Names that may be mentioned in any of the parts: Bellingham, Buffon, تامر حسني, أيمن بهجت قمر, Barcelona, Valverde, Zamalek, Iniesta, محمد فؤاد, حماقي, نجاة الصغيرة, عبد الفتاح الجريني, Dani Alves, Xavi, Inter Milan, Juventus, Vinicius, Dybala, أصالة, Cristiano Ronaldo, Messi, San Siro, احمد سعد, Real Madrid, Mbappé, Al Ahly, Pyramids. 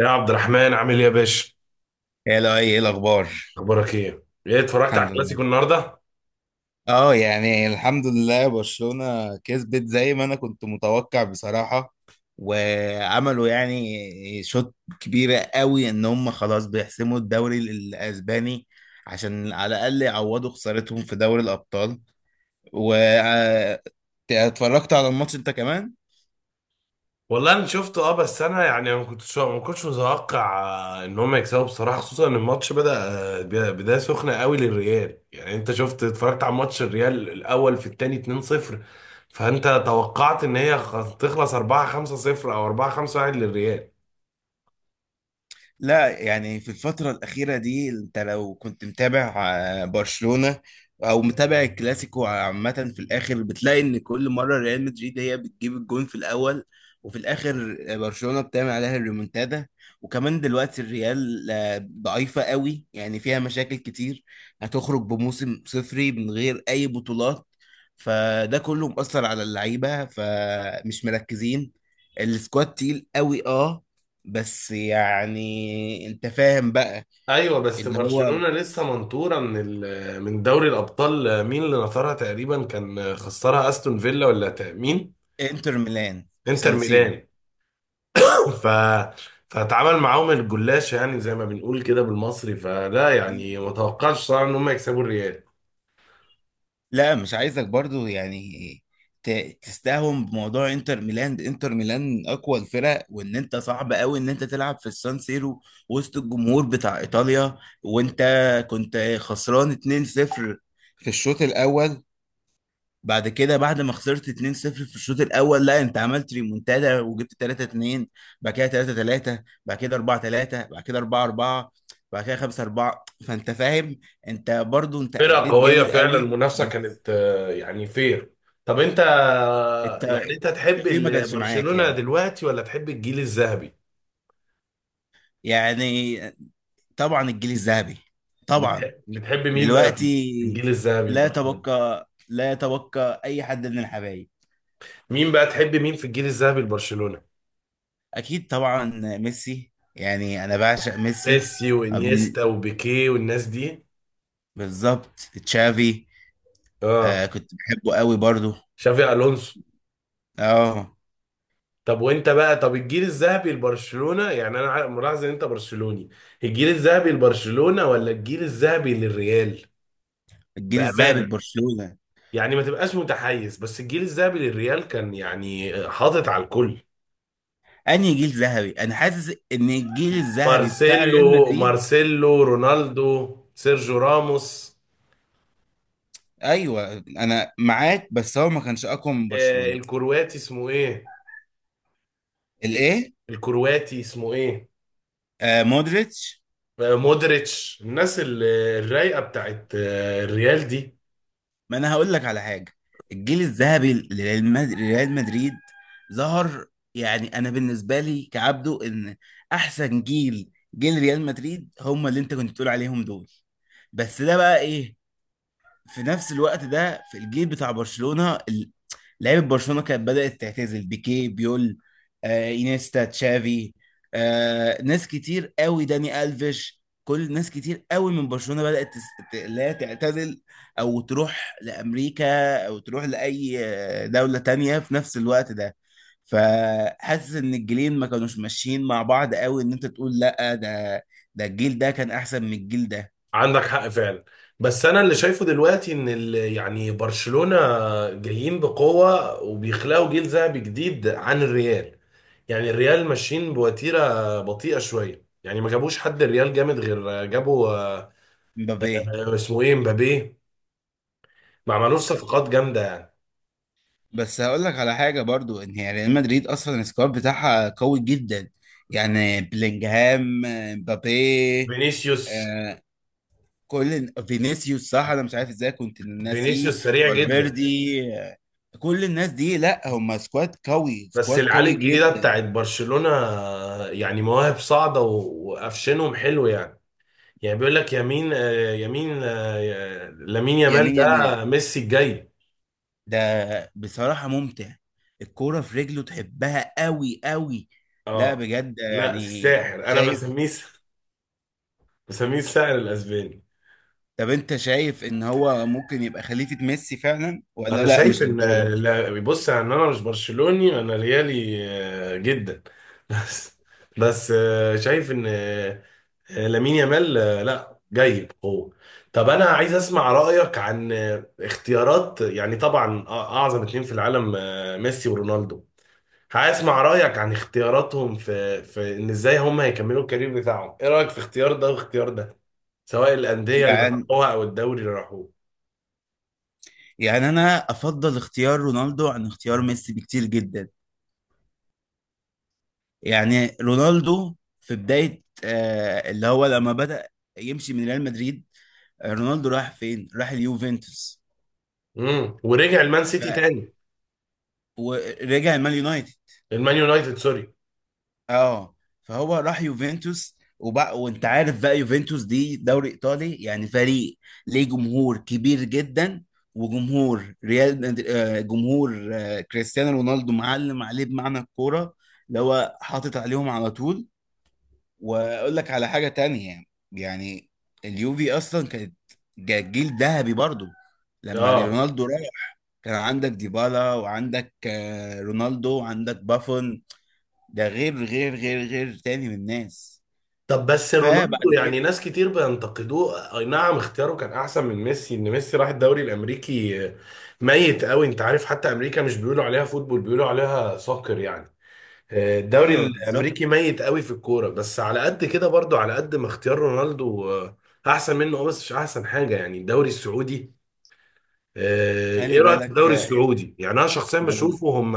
يا عبد الرحمن، عامل ايه يا باشا؟ يا لا ايه الاخبار. اخبارك ايه؟ ايه، اتفرجت على الحمد لله. الكلاسيكو النهارده؟ اه يعني الحمد لله، برشلونة كسبت زي ما انا كنت متوقع بصراحة. وعملوا يعني شوط كبيرة قوي ان هم خلاص بيحسموا الدوري الاسباني عشان على الاقل يعوضوا خسارتهم في دوري الابطال. و اتفرجت على الماتش انت كمان؟ والله انا شفته، اه، بس انا يعني ما كنتش متوقع ان هم يكسبوا، بصراحه خصوصا ان الماتش بدايه سخنه قوي للريال. يعني انت شفت، اتفرجت على ماتش الريال الاول في الثاني 2-0؟ فانت توقعت ان هي تخلص 4-5-0 او 4-5-1 للريال. لا يعني في الفترة الأخيرة دي أنت لو كنت متابع برشلونة أو متابع الكلاسيكو عامة، في الآخر بتلاقي إن كل مرة ريال مدريد هي بتجيب الجون في الأول، وفي الآخر برشلونة بتعمل عليها الريمونتادا. وكمان دلوقتي الريال ضعيفة قوي، يعني فيها مشاكل كتير، هتخرج بموسم صفري من غير أي بطولات، فده كله مؤثر على اللعيبة فمش مركزين. السكواد تقيل قوي. اه، بس يعني انت فاهم بقى. ايوه، بس اللي هو برشلونه لسه منطوره من دوري الابطال. مين اللي نطرها؟ تقريبا كان خسرها استون فيلا، ولا مين؟ انتر ميلان، في انتر سان سيرو. ميلان. ف فاتعامل معاهم الجلاش، يعني زي ما بنقول كده بالمصري. فلا يعني ما توقعش صراحه ان هم يكسبوا الريال. لا، مش عايزك برضو يعني تستهون بموضوع انتر ميلان. انتر ميلان اقوى الفرق، وان انت صعب قوي ان انت تلعب في السان سيرو، وسط الجمهور بتاع ايطاليا، وانت كنت خسران 2-0 في الشوط الاول. بعد كده بعد ما خسرت 2-0 في الشوط الاول، لا انت عملت ريمونتادا وجبت 3-2، بعد كده 3-3، بعد كده 4-3، بعد كده 4-4، بعد كده 5-4. فانت فاهم انت برضو، انت فرقه اديت قويه جامد فعلا، قوي، المنافسه بس كانت يعني فير. طب انت يعني الت- انت تحب التوفيق ما كانش معاك برشلونه يعني. دلوقتي ولا تحب الجيل الذهبي؟ يعني طبعا الجيل الذهبي، طبعا. بتحب مين بقى في دلوقتي الجيل الذهبي لا لبرشلونه؟ يتبقى، اي حد من الحبايب. مين بقى، تحب مين في الجيل الذهبي لبرشلونه؟ اكيد طبعا ميسي، يعني انا بعشق ميسي. ميسي وانيستا وبيكيه والناس دي. بالظبط، تشافي. آه، اه. كنت بحبه قوي برضو. شافي الونسو. اه. طب وانت بقى، طب الجيل الذهبي لبرشلونة، يعني ملاحظ ان انت برشلوني. الجيل الذهبي لبرشلونة ولا الجيل الذهبي للريال؟ الجيل الذهبي بأمانة، لبرشلونة. يعني ما تبقاش متحيز. بس الجيل الذهبي للريال كان يعني حاطط على الكل. انهي جيل ذهبي؟ انا حاسس ان الجيل الذهبي بتاع مارسيلو، ريال مدريد. مارسيلو رونالدو، سيرجيو راموس. ايوه انا معاك، بس هو ما كانش اقوى من آه برشلونة. الكرواتي اسمه ايه؟ الايه؟ الكرواتي اسمه ايه؟ آه مودريتش. آه مودريتش. الناس الرايقة بتاعت آه الريال دي. ما انا هقول لك على حاجة. الجيل الذهبي لريال مدريد، ظهر يعني انا بالنسبة لي كعبده، ان احسن جيل جيل ريال مدريد هم اللي انت كنت بتقول عليهم دول. بس ده بقى ايه، في نفس الوقت ده في الجيل بتاع برشلونة لعيبة برشلونة كانت بدأت تعتزل. بيكي، بيول، آه إينيستا، تشافي، آه ناس كتير قوي، داني ألفيش، كل ناس كتير قوي من برشلونة بدأت لا تعتزل أو تروح لأمريكا أو تروح لأي دولة تانية في نفس الوقت ده. فحاسس إن الجيلين ما كانوش ماشيين مع بعض قوي إن أنت تقول لأ، ده الجيل ده كان أحسن من الجيل ده. عندك حق فعلا. بس انا اللي شايفه دلوقتي ان يعني برشلونة جايين بقوة وبيخلقوا جيل ذهبي جديد عن الريال. يعني الريال ماشيين بوتيرة بطيئة شوية، يعني ما جابوش حد الريال جامد غير جابوا مبابي. اسمه ايه، مبابي. ما عملوش صفقات جامدة يعني. بس هقول لك على حاجه برضو، ان هي ريال مدريد اصلا السكواد بتاعها قوي جدا. يعني بلينجهام، مبابي، فينيسيوس. آه، كل فينيسيوس، صح انا مش عارف ازاي كنت ناسيه. فينيسيوس سريع جدا. فالفيردي، آه، كل الناس دي لا هم سكواد قوي، بس سكواد العيال قوي الجديدة جدا. بتاعت برشلونة يعني مواهب صاعدة وقفشنهم حلو يعني. يعني بيقول لك يمين لامين يامال يمين يمال ده ميسي الجاي. ده بصراحه ممتع، الكوره في رجله تحبها قوي قوي. لا اه. بجد، لا يعني الساحر، انا شايف. بسميه الساحر الاسباني. طب انت شايف ان هو ممكن يبقى خليفة ميسي فعلا، ولا انا لا شايف مش ان للدرجة دي؟ بص، يعني انا مش برشلوني، انا ريالي جدا. بس، شايف ان لامين يامال لا جاي بقوه. طب انا عايز اسمع رايك عن اختيارات، يعني طبعا اعظم اتنين في العالم، ميسي ورونالدو. هسمع رأيك عن اختياراتهم في ان ازاي هم هيكملوا الكارير بتاعهم. ايه رأيك في اختيار ده واختيار ده، سواء الأندية اللي يعني راحوها او الدوري اللي راحوه؟ انا افضل اختيار رونالدو عن اختيار ميسي بكتير جدا. يعني رونالدو في بداية اللي هو لما بدأ يمشي من ريال مدريد، آه، رونالدو راح فين؟ راح اليوفنتوس. امم، ورجع المان ف سيتي تاني، ورجع المان يونايتد. المان يونايتد، سوري. اه. فهو راح يوفنتوس وبقى، وانت عارف بقى يوفنتوس دي دوري ايطالي، يعني فريق ليه جمهور كبير جدا. وجمهور ريال مد- آه، جمهور كريستيانو رونالدو معلم عليه بمعنى الكوره، اللي هو حاطط عليهم على طول. واقول لك على حاجه تانية، يعني اليوفي اصلا كانت جيل ذهبي برضو لما اه. رونالدو راح. كان عندك ديبالا، وعندك رونالدو، وعندك بافون، ده غير تاني من الناس. طب بس رونالدو فبعد يعني كده. ناس كتير بينتقدوه. اي نعم اختياره كان احسن من ميسي، ان ميسي راح الدوري الامريكي ميت قوي. انت عارف حتى امريكا مش بيقولوا عليها فوتبول، بيقولوا عليها سوكر يعني. الدوري ايوه الامريكي بالظبط. ميت قوي في الكوره. بس على قد كده برضو، على قد ما اختيار رونالدو احسن منه بس مش احسن حاجه يعني الدوري السعودي. خلي ايه رايك في بالك الدوري آه، السعودي؟ يعني انا شخصيا ما ب... بشوفه هم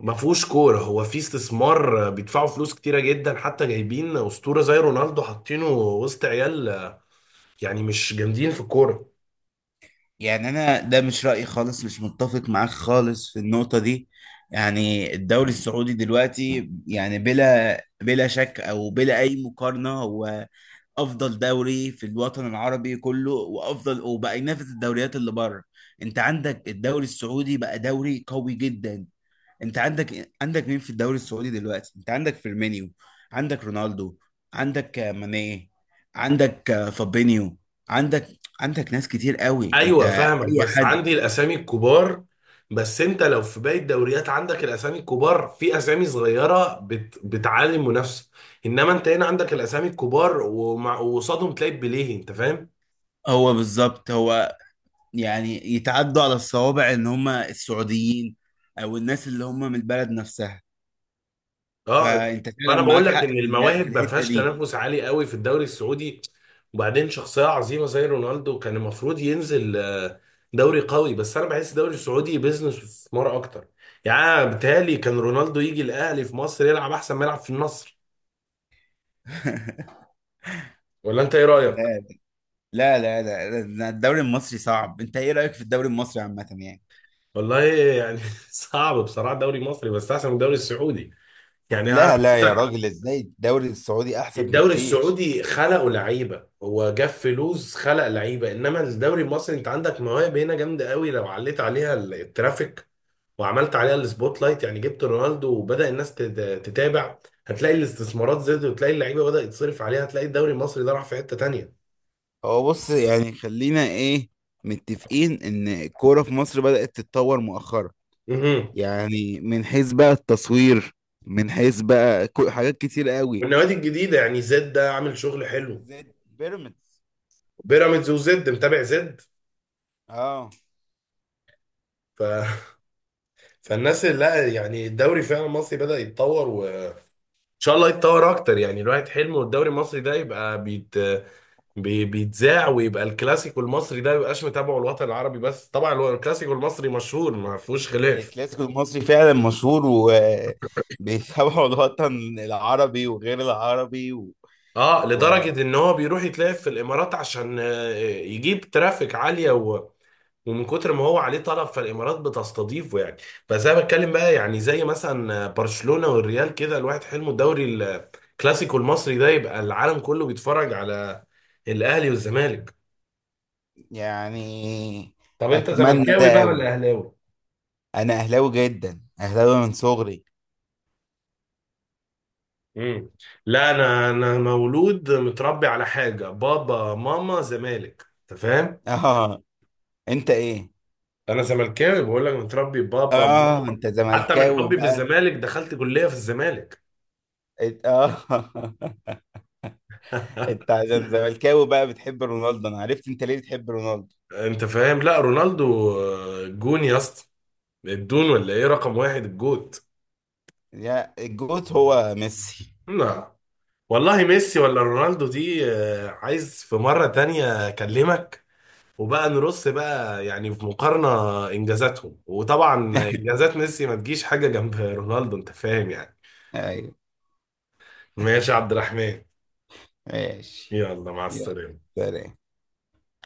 ما فيهوش كوره. هو في استثمار بيدفعوا فلوس كتيره جدا حتى جايبين اسطوره زي رونالدو حاطينه وسط عيال يعني مش جامدين في الكوره. يعني انا ده مش رأيي خالص، مش متفق معاك خالص في النقطة دي. يعني الدوري السعودي دلوقتي يعني بلا شك او بلا اي مقارنة، هو افضل دوري في الوطن العربي كله، وافضل وبقى ينافس الدوريات اللي بره. انت عندك الدوري السعودي بقى دوري قوي جدا. انت عندك مين في الدوري السعودي دلوقتي؟ انت عندك فيرمينيو، عندك رونالدو، عندك ماني، عندك فابينيو، عندك عندك ناس كتير قوي انت. ايوه فاهمك، اي بس حد. عندي الاسامي الكبار. بس انت لو في باقي الدوريات عندك الاسامي الكبار، في اسامي صغيره بت... بتعلي المنافسه. انما انت هنا عندك الاسامي الكبار ومع... وقصادهم تلاقي بليه، انت فاهم. هو بالظبط هو يعني يتعدوا على الصوابع ان هم السعوديين، او الناس اللي هم من البلد نفسها. اه. فانت فعلا فانا بقول معاك لك حق ان في في المواهب ما الحتة فيهاش دي. تنافس عالي قوي في الدوري السعودي. وبعدين شخصيه عظيمه زي رونالدو كان المفروض ينزل دوري قوي، بس انا بحس الدوري السعودي بيزنس واستثمار اكتر. يعني أنا بيتهيألي كان رونالدو يجي الاهلي في مصر يلعب احسن ما يلعب في النصر. ولا انت ايه رايك؟ لا، الدوري المصري صعب. انت ايه رأيك في الدوري المصري عامة يعني؟ والله يعني صعب بصراحه الدوري المصري، بس احسن من الدوري السعودي. يعني أنا-. لا، يا راجل ازاي؟ الدوري السعودي احسن الدوري بكتير. السعودي خلقوا لعيبه، هو جاب فلوس خلق لعيبه، انما الدوري المصري انت عندك مواهب هنا جامده قوي. لو عليت عليها الترافيك وعملت عليها السبوت لايت، يعني جبت رونالدو وبدا الناس تتابع، هتلاقي الاستثمارات زادت وتلاقي اللعيبه بدات تصرف عليها، هتلاقي الدوري المصري ده راح في حته تانيه. هو بص يعني خلينا ايه متفقين ان الكورة في مصر بدأت تتطور مؤخرا، مهم. يعني من حيث بقى التصوير، من حيث بقى حاجات كتير قوي والنوادي الجديده يعني، زد ده عامل شغل حلو. زي بيراميدز. بيراميدز وزد، متابع زد. اه. ف فالناس، لا يعني الدوري فعلا المصري بدأ يتطور، وان شاء الله يتطور اكتر. يعني الواحد حلمه الدوري المصري ده يبقى بيتذاع ويبقى الكلاسيكو المصري ده ميبقاش متابعه الوطن العربي بس، طبعا هو الكلاسيكو المصري مشهور ما فيهوش خلاف. الكلاسيكو المصري فعلا مشهور وبيتابعوا الوطن العربي وغير العربي، اه، لدرجة و- ان هو بيروح يتلعب في الامارات عشان يجيب ترافيك عالية و...، ومن كتر ما هو عليه طلب فالامارات بتستضيفه يعني. بس انا بتكلم بقى، يعني زي مثلا برشلونة والريال كده، الواحد حلمه الدوري، الكلاسيكو المصري ده يبقى العالم كله بيتفرج على الاهلي والزمالك. ويعني طب انت اتمنى زملكاوي ده بقى قوي. ولا اهلاوي؟ انا اهلاوي جدا، اهلاوي من صغري. امم. لا، انا مولود متربي على حاجه، بابا ماما زمالك، انت فاهم. اه. انت ايه؟ انا زملكاوي بقول لك، متربي بابا اه ماما. انت حتى من زملكاوي حبي في بقى. الزمالك دخلت كليه في الزمالك. إت- اه انت عشان زملكاوي بقى بتحب رونالدو؟ انا عرفت انت ليه بتحب رونالدو. انت فاهم، لا رونالدو جون يا اسطى، الدون، ولا ايه رقم واحد الجوت. يا الجوت هو ميسي. نعم. والله ميسي ولا رونالدو دي عايز في مرة تانية اكلمك وبقى نرص بقى يعني في مقارنة انجازاتهم. وطبعا انجازات ميسي ما تجيش حاجة جنب رونالدو، انت فاهم يعني. ايوه. ماشي يا عبد الرحمن. ماشي. يلا، مع يلا. السلامة. سلام.